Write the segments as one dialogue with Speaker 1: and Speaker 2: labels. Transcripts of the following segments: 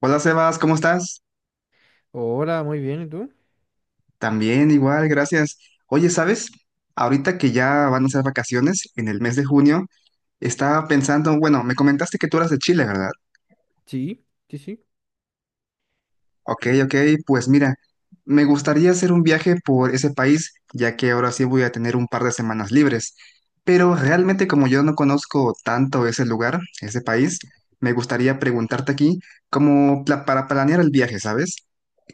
Speaker 1: Hola Sebas, ¿cómo estás?
Speaker 2: Hola, muy bien, ¿y tú?
Speaker 1: También igual, gracias. Oye, ¿sabes? Ahorita que ya van a ser vacaciones en el mes de junio, estaba pensando, bueno, me comentaste que tú eras de Chile, ¿verdad?
Speaker 2: Sí, sí, sí,
Speaker 1: Ok, ok, pues mira, me gustaría hacer un viaje por ese país, ya que ahora sí voy a tener un par de semanas libres. Pero realmente como yo no conozco tanto ese lugar, ese país, me gustaría preguntarte aquí como para planear el viaje, ¿sabes?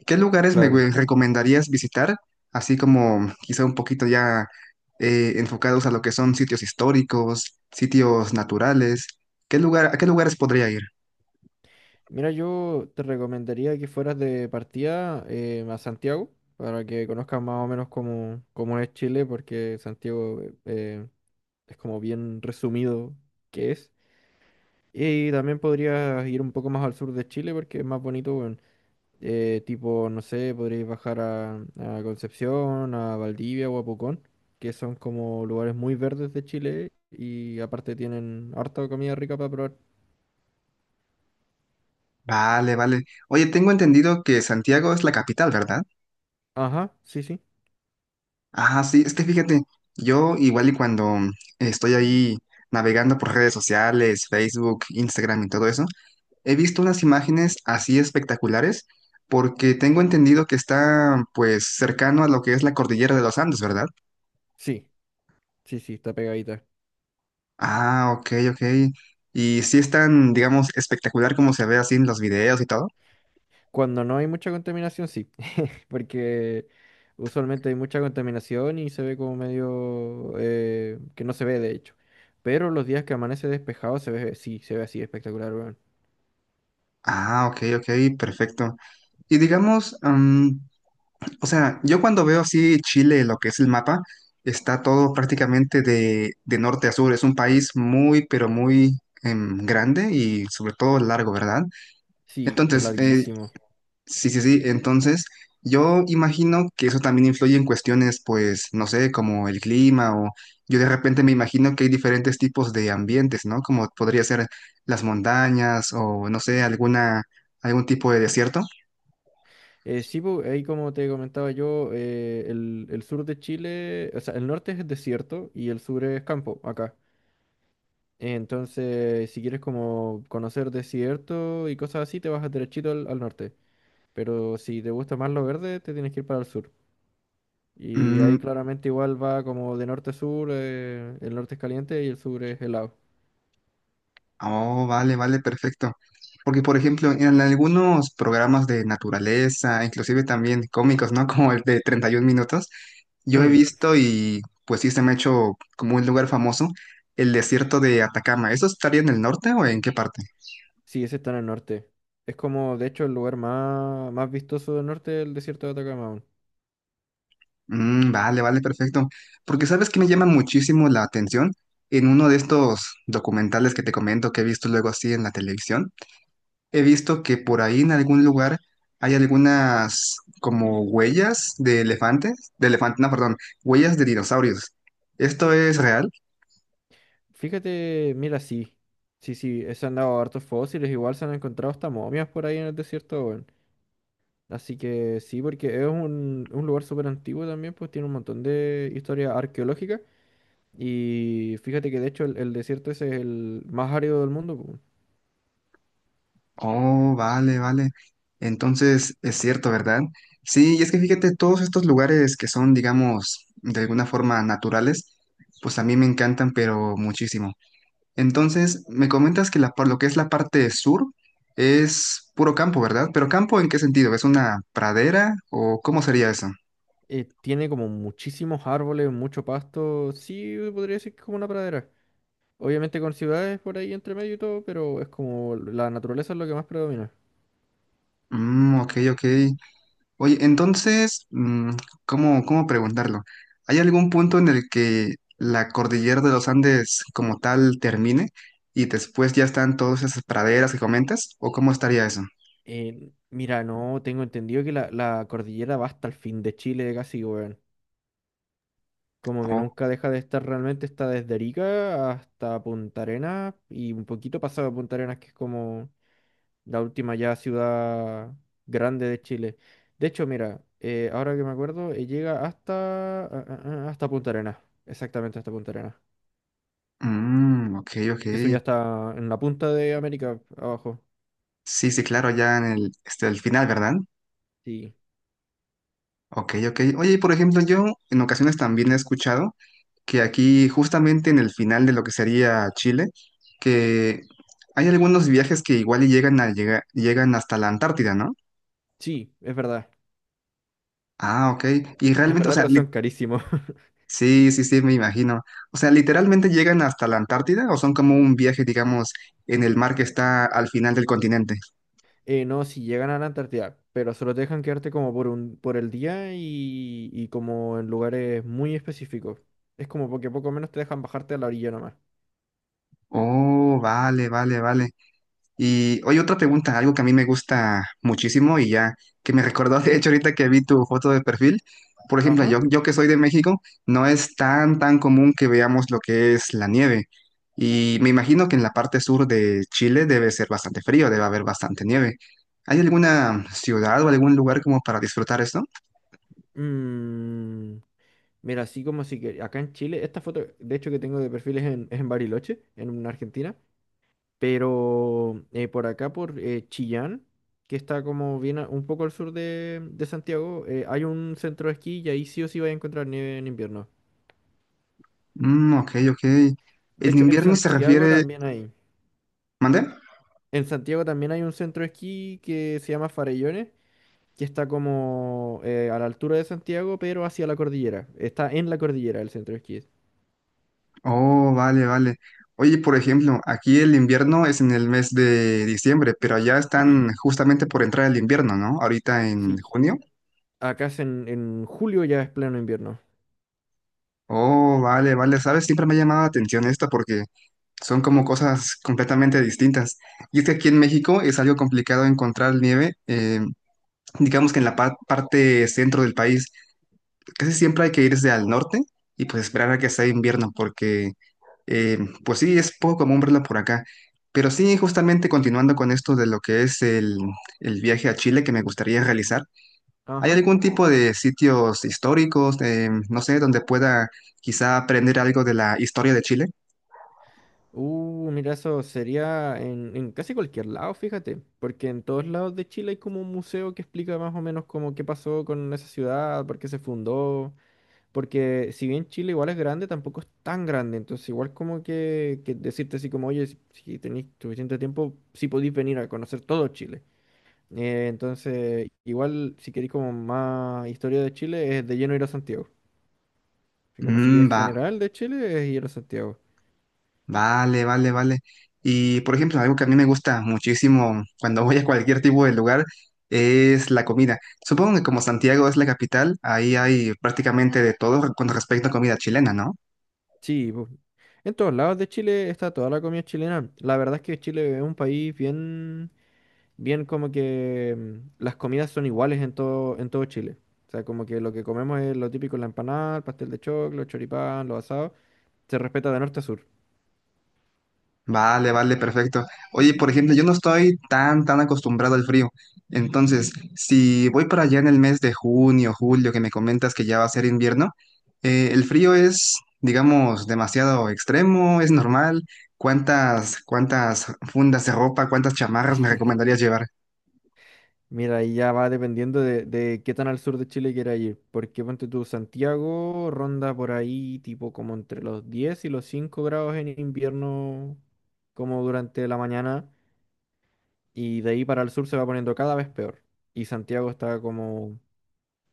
Speaker 1: ¿Qué lugares me
Speaker 2: claro.
Speaker 1: recomendarías visitar? Así como quizá un poquito ya enfocados a lo que son sitios históricos, sitios naturales. ¿Qué lugar, a qué lugares podría ir?
Speaker 2: Mira, yo te recomendaría que fueras de partida a Santiago para que conozcas más o menos cómo es Chile, porque Santiago es como bien resumido que es. Y también podrías ir un poco más al sur de Chile porque es más bonito, bueno, tipo, no sé, podrías bajar a Concepción, a Valdivia o a Pucón, que son como lugares muy verdes de Chile y aparte tienen harta comida rica para probar.
Speaker 1: Vale, vale. Oye, tengo entendido que Santiago es la capital, ¿verdad?
Speaker 2: Ajá, sí, sí.
Speaker 1: Ah, sí, es que fíjate, yo igual y cuando estoy ahí navegando por redes sociales, Facebook, Instagram y todo eso. He visto unas imágenes así espectaculares porque tengo entendido que está pues cercano a lo que es la cordillera de los Andes, ¿verdad?
Speaker 2: Sí, sí, sí, está pegadita.
Speaker 1: Ah, ok, ok. Y sí es tan, digamos, espectacular como se ve así en los videos y todo.
Speaker 2: Cuando no hay mucha contaminación, sí. Porque usualmente hay mucha contaminación y se ve como medio que no se ve, de hecho. Pero los días que amanece despejado se ve, sí, se ve así espectacular, weón.
Speaker 1: Ah, ok, ok, perfecto. Y digamos, o sea, yo cuando veo así Chile, lo que es el mapa, está todo prácticamente de norte a sur. Es un país muy, pero muy grande y sobre todo largo, ¿verdad?
Speaker 2: Sí, es
Speaker 1: Entonces,
Speaker 2: larguísimo.
Speaker 1: sí, sí, sí. Entonces, yo imagino que eso también influye en cuestiones, pues, no sé, como el clima o yo de repente me imagino que hay diferentes tipos de ambientes, ¿no? Como podría ser las montañas o, no sé, alguna, algún tipo de desierto.
Speaker 2: Sí, pu, ahí como te comentaba yo, el sur de Chile, o sea, el norte es desierto y el sur es campo, acá. Entonces, si quieres como conocer desierto y cosas así, te vas derechito al norte. Pero si te gusta más lo verde, te tienes que ir para el sur. Y
Speaker 1: Mm,
Speaker 2: ahí claramente igual va como de norte a sur, el norte es caliente y el sur es helado.
Speaker 1: Oh, vale, vale, perfecto. Porque, por ejemplo, en algunos programas de naturaleza, inclusive también cómicos, ¿no? Como el de 31 minutos, yo he
Speaker 2: Mm,
Speaker 1: visto y pues sí se me ha hecho como un lugar famoso, el desierto de Atacama. ¿Eso estaría en el norte o en qué parte?
Speaker 2: sí, ese está en el norte. Es como, de hecho, el lugar más, más vistoso del norte del desierto de Atacama. Aún.
Speaker 1: Mm, vale, vale, perfecto. Porque sabes que me llama muchísimo la atención en uno de estos documentales que te comento que he visto luego así en la televisión. He visto que por ahí en algún lugar hay algunas como huellas de elefantes, no, perdón, huellas de dinosaurios. ¿Esto es real?
Speaker 2: Fíjate, mira, sí. Sí, sí, se han dado hartos fósiles, igual se han encontrado hasta momias por ahí en el desierto, weón. Así que sí, porque es un lugar súper antiguo también, pues tiene un montón de historia arqueológica. Y fíjate que de hecho el desierto ese es el más árido del mundo. Po.
Speaker 1: Oh, vale, vale. Entonces es cierto, ¿verdad? Sí, y es que fíjate, todos estos lugares que son, digamos, de alguna forma naturales, pues a mí me encantan, pero muchísimo. Entonces, me comentas que la, por lo que es la parte sur es puro campo, ¿verdad? Pero campo, ¿en qué sentido? ¿Es una pradera o cómo sería eso?
Speaker 2: Tiene como muchísimos árboles, mucho pasto. Sí, podría decir que es como una pradera. Obviamente con ciudades por ahí entre medio y todo, pero es como la naturaleza es lo que más predomina.
Speaker 1: Mm, ok, ok. Oye, entonces, ¿cómo, cómo preguntarlo? ¿Hay algún punto en el que la cordillera de los Andes como tal termine y después ya están todas esas praderas que comentas? ¿O cómo estaría eso?
Speaker 2: Mira, no tengo entendido que la cordillera va hasta el fin de Chile casi, weón. Como que
Speaker 1: Oh,
Speaker 2: nunca deja de estar realmente, está desde Arica hasta Punta Arenas y un poquito pasado de Punta Arenas, que es como la última ya ciudad grande de Chile. De hecho, mira, ahora que me acuerdo, llega hasta, ah, ah, ah, hasta Punta Arenas, exactamente hasta Punta Arenas.
Speaker 1: mm, ok, ok.
Speaker 2: Que eso ya está en la punta de América, abajo.
Speaker 1: Sí, sí, claro, ya en el, este, el final, ¿verdad?
Speaker 2: Sí,
Speaker 1: Ok, ok. Oye, y por ejemplo, yo en ocasiones también he escuchado que aquí justamente en el final de lo que sería Chile, que hay algunos viajes que igual y llegan hasta la Antártida, ¿no?
Speaker 2: sí,
Speaker 1: Ah, ok. Y
Speaker 2: es
Speaker 1: realmente, o
Speaker 2: verdad,
Speaker 1: sea,
Speaker 2: pero son carísimos.
Speaker 1: sí, sí, sí, me imagino. O sea, literalmente llegan hasta la Antártida o son como un viaje, digamos, en el mar que está al final del continente.
Speaker 2: No, si llegan a la Antártida, pero solo te dejan quedarte como por el día y como en lugares muy específicos. Es como porque poco menos te dejan bajarte a la orilla nomás.
Speaker 1: Oh, vale, vale, vale. Y oye, otra pregunta, algo que a mí me gusta muchísimo y ya que me recordó, de hecho, ahorita que vi tu foto de perfil. Por ejemplo,
Speaker 2: Ajá.
Speaker 1: yo que soy de México, no es tan, tan común que veamos lo que es la nieve. Y me imagino que en la parte sur de Chile debe ser bastante frío, debe haber bastante nieve. ¿Hay alguna ciudad o algún lugar como para disfrutar esto?
Speaker 2: Mm. Mira, así como si que acá en Chile, esta foto, de hecho, que tengo de perfil es en Bariloche, en Argentina, pero por acá, por Chillán, que está como bien un poco al sur de Santiago, hay un centro de esquí y ahí sí o sí vas a encontrar nieve en invierno.
Speaker 1: Mm, ok, ok.
Speaker 2: De
Speaker 1: ¿El
Speaker 2: hecho, en
Speaker 1: invierno se
Speaker 2: Santiago
Speaker 1: refiere...
Speaker 2: también hay.
Speaker 1: ¿Mandé?
Speaker 2: En Santiago también hay un centro de esquí que se llama Farellones, que está como a la altura de Santiago, pero hacia la cordillera. Está en la cordillera el centro de esquí.
Speaker 1: Oh, vale, vale. Oye, por ejemplo, aquí el invierno es en el mes de diciembre, pero allá están justamente por entrar el invierno, ¿no? Ahorita en
Speaker 2: Sí.
Speaker 1: junio.
Speaker 2: Acá es en julio ya es pleno invierno.
Speaker 1: Oh, vale, vale. Sabes, siempre me ha llamado la atención esto porque son como cosas completamente distintas. Y es que aquí en México es algo complicado encontrar nieve, digamos que en la parte centro del país. Casi siempre hay que irse al norte y pues esperar a que sea invierno porque eh, pues sí, es poco común verla por acá. Pero sí, justamente continuando con esto de lo que es el viaje a Chile que me gustaría realizar, ¿hay
Speaker 2: Ajá.
Speaker 1: algún tipo de sitios históricos, no sé, donde pueda quizá aprender algo de la historia de Chile?
Speaker 2: Mira, eso sería en casi cualquier lado, fíjate, porque en todos lados de Chile hay como un museo que explica más o menos como qué pasó con esa ciudad, por qué se fundó, porque si bien Chile igual es grande, tampoco es tan grande, entonces igual como que decirte así como, oye, si tenéis suficiente tiempo, sí podéis venir a conocer todo Chile. Entonces, igual si queréis como más historia de Chile, es de lleno ir a Santiago. Así como si
Speaker 1: Mm,
Speaker 2: es
Speaker 1: va.
Speaker 2: general de Chile, es ir a Santiago.
Speaker 1: Vale, vale, vale. Y por ejemplo, algo que a mí me gusta muchísimo cuando voy a cualquier tipo de lugar es la comida. Supongo que como Santiago es la capital, ahí hay prácticamente de todo con respecto a comida chilena, ¿no?
Speaker 2: Sí, en todos lados de Chile está toda la comida chilena. La verdad es que Chile es un país bien, bien como que las comidas son iguales en todo Chile. O sea, como que lo que comemos es lo típico, la empanada, el pastel de choclo, el choripán, los asados. Se respeta de norte a sur.
Speaker 1: Vale, vale, perfecto. Oye, por ejemplo, yo no estoy tan, tan acostumbrado al frío. Entonces, si voy para allá en el mes de junio, julio, que me comentas que ya va a ser invierno, ¿el frío es, digamos, demasiado extremo? ¿Es normal? ¿Cuántas, cuántas fundas de ropa, cuántas chamarras me recomendarías llevar?
Speaker 2: Mira, ahí ya va dependiendo de qué tan al sur de Chile quieras ir. Porque ponte tú, Santiago ronda por ahí tipo como entre los 10 y los 5 grados en invierno, como durante la mañana. Y de ahí para el sur se va poniendo cada vez peor. Y Santiago está como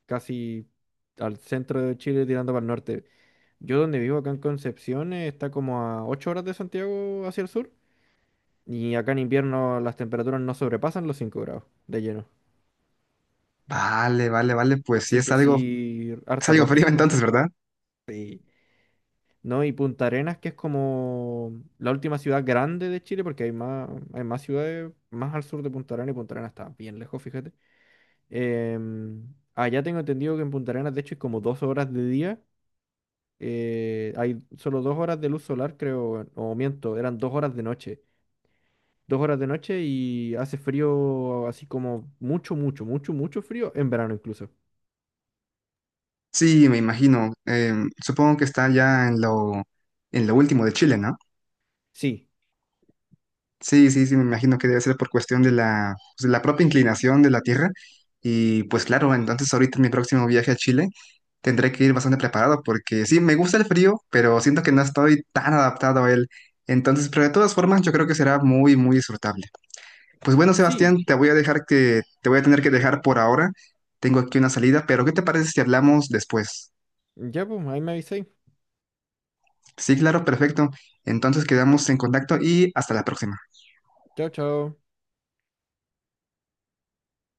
Speaker 2: casi al centro de Chile tirando para el norte. Yo donde vivo acá en Concepción está como a 8 horas de Santiago hacia el sur y acá en invierno las temperaturas no sobrepasan los 5 grados de lleno.
Speaker 1: Vale, vale, vale, pues sí
Speaker 2: Así que sí,
Speaker 1: es
Speaker 2: harta
Speaker 1: algo frío
Speaker 2: ropa,
Speaker 1: entonces, ¿verdad?
Speaker 2: ¿no? Y Punta Arenas, que es como la última ciudad grande de Chile, porque hay más ciudades más al sur de Punta Arenas y Punta Arenas está bien lejos, fíjate. Em, allá tengo entendido que en Punta Arenas, de hecho, hay como 2 horas de día. Hay solo 2 horas de luz solar, creo, o miento, eran 2 horas de noche. 2 horas de noche y hace frío así como mucho, mucho, mucho, mucho frío en verano incluso.
Speaker 1: Sí, me imagino. Supongo que está ya en lo último de Chile, ¿no?
Speaker 2: Sí,
Speaker 1: Sí, sí, sí, me imagino que debe ser por cuestión de la, pues, de la propia inclinación de la Tierra. Y pues claro, entonces ahorita en mi próximo viaje a Chile tendré que ir bastante preparado porque sí, me gusta el frío, pero siento que no estoy tan adaptado a él. Entonces, pero de todas formas, yo creo que será muy, muy disfrutable. Pues bueno, Sebastián,
Speaker 2: sí,
Speaker 1: te voy a dejar que, te voy a tener que dejar por ahora. Tengo aquí una salida, pero ¿qué te parece si hablamos después?
Speaker 2: ya pues, ahí me avisáis.
Speaker 1: Sí, claro, perfecto. Entonces quedamos en contacto y hasta la próxima.
Speaker 2: Chao, chao.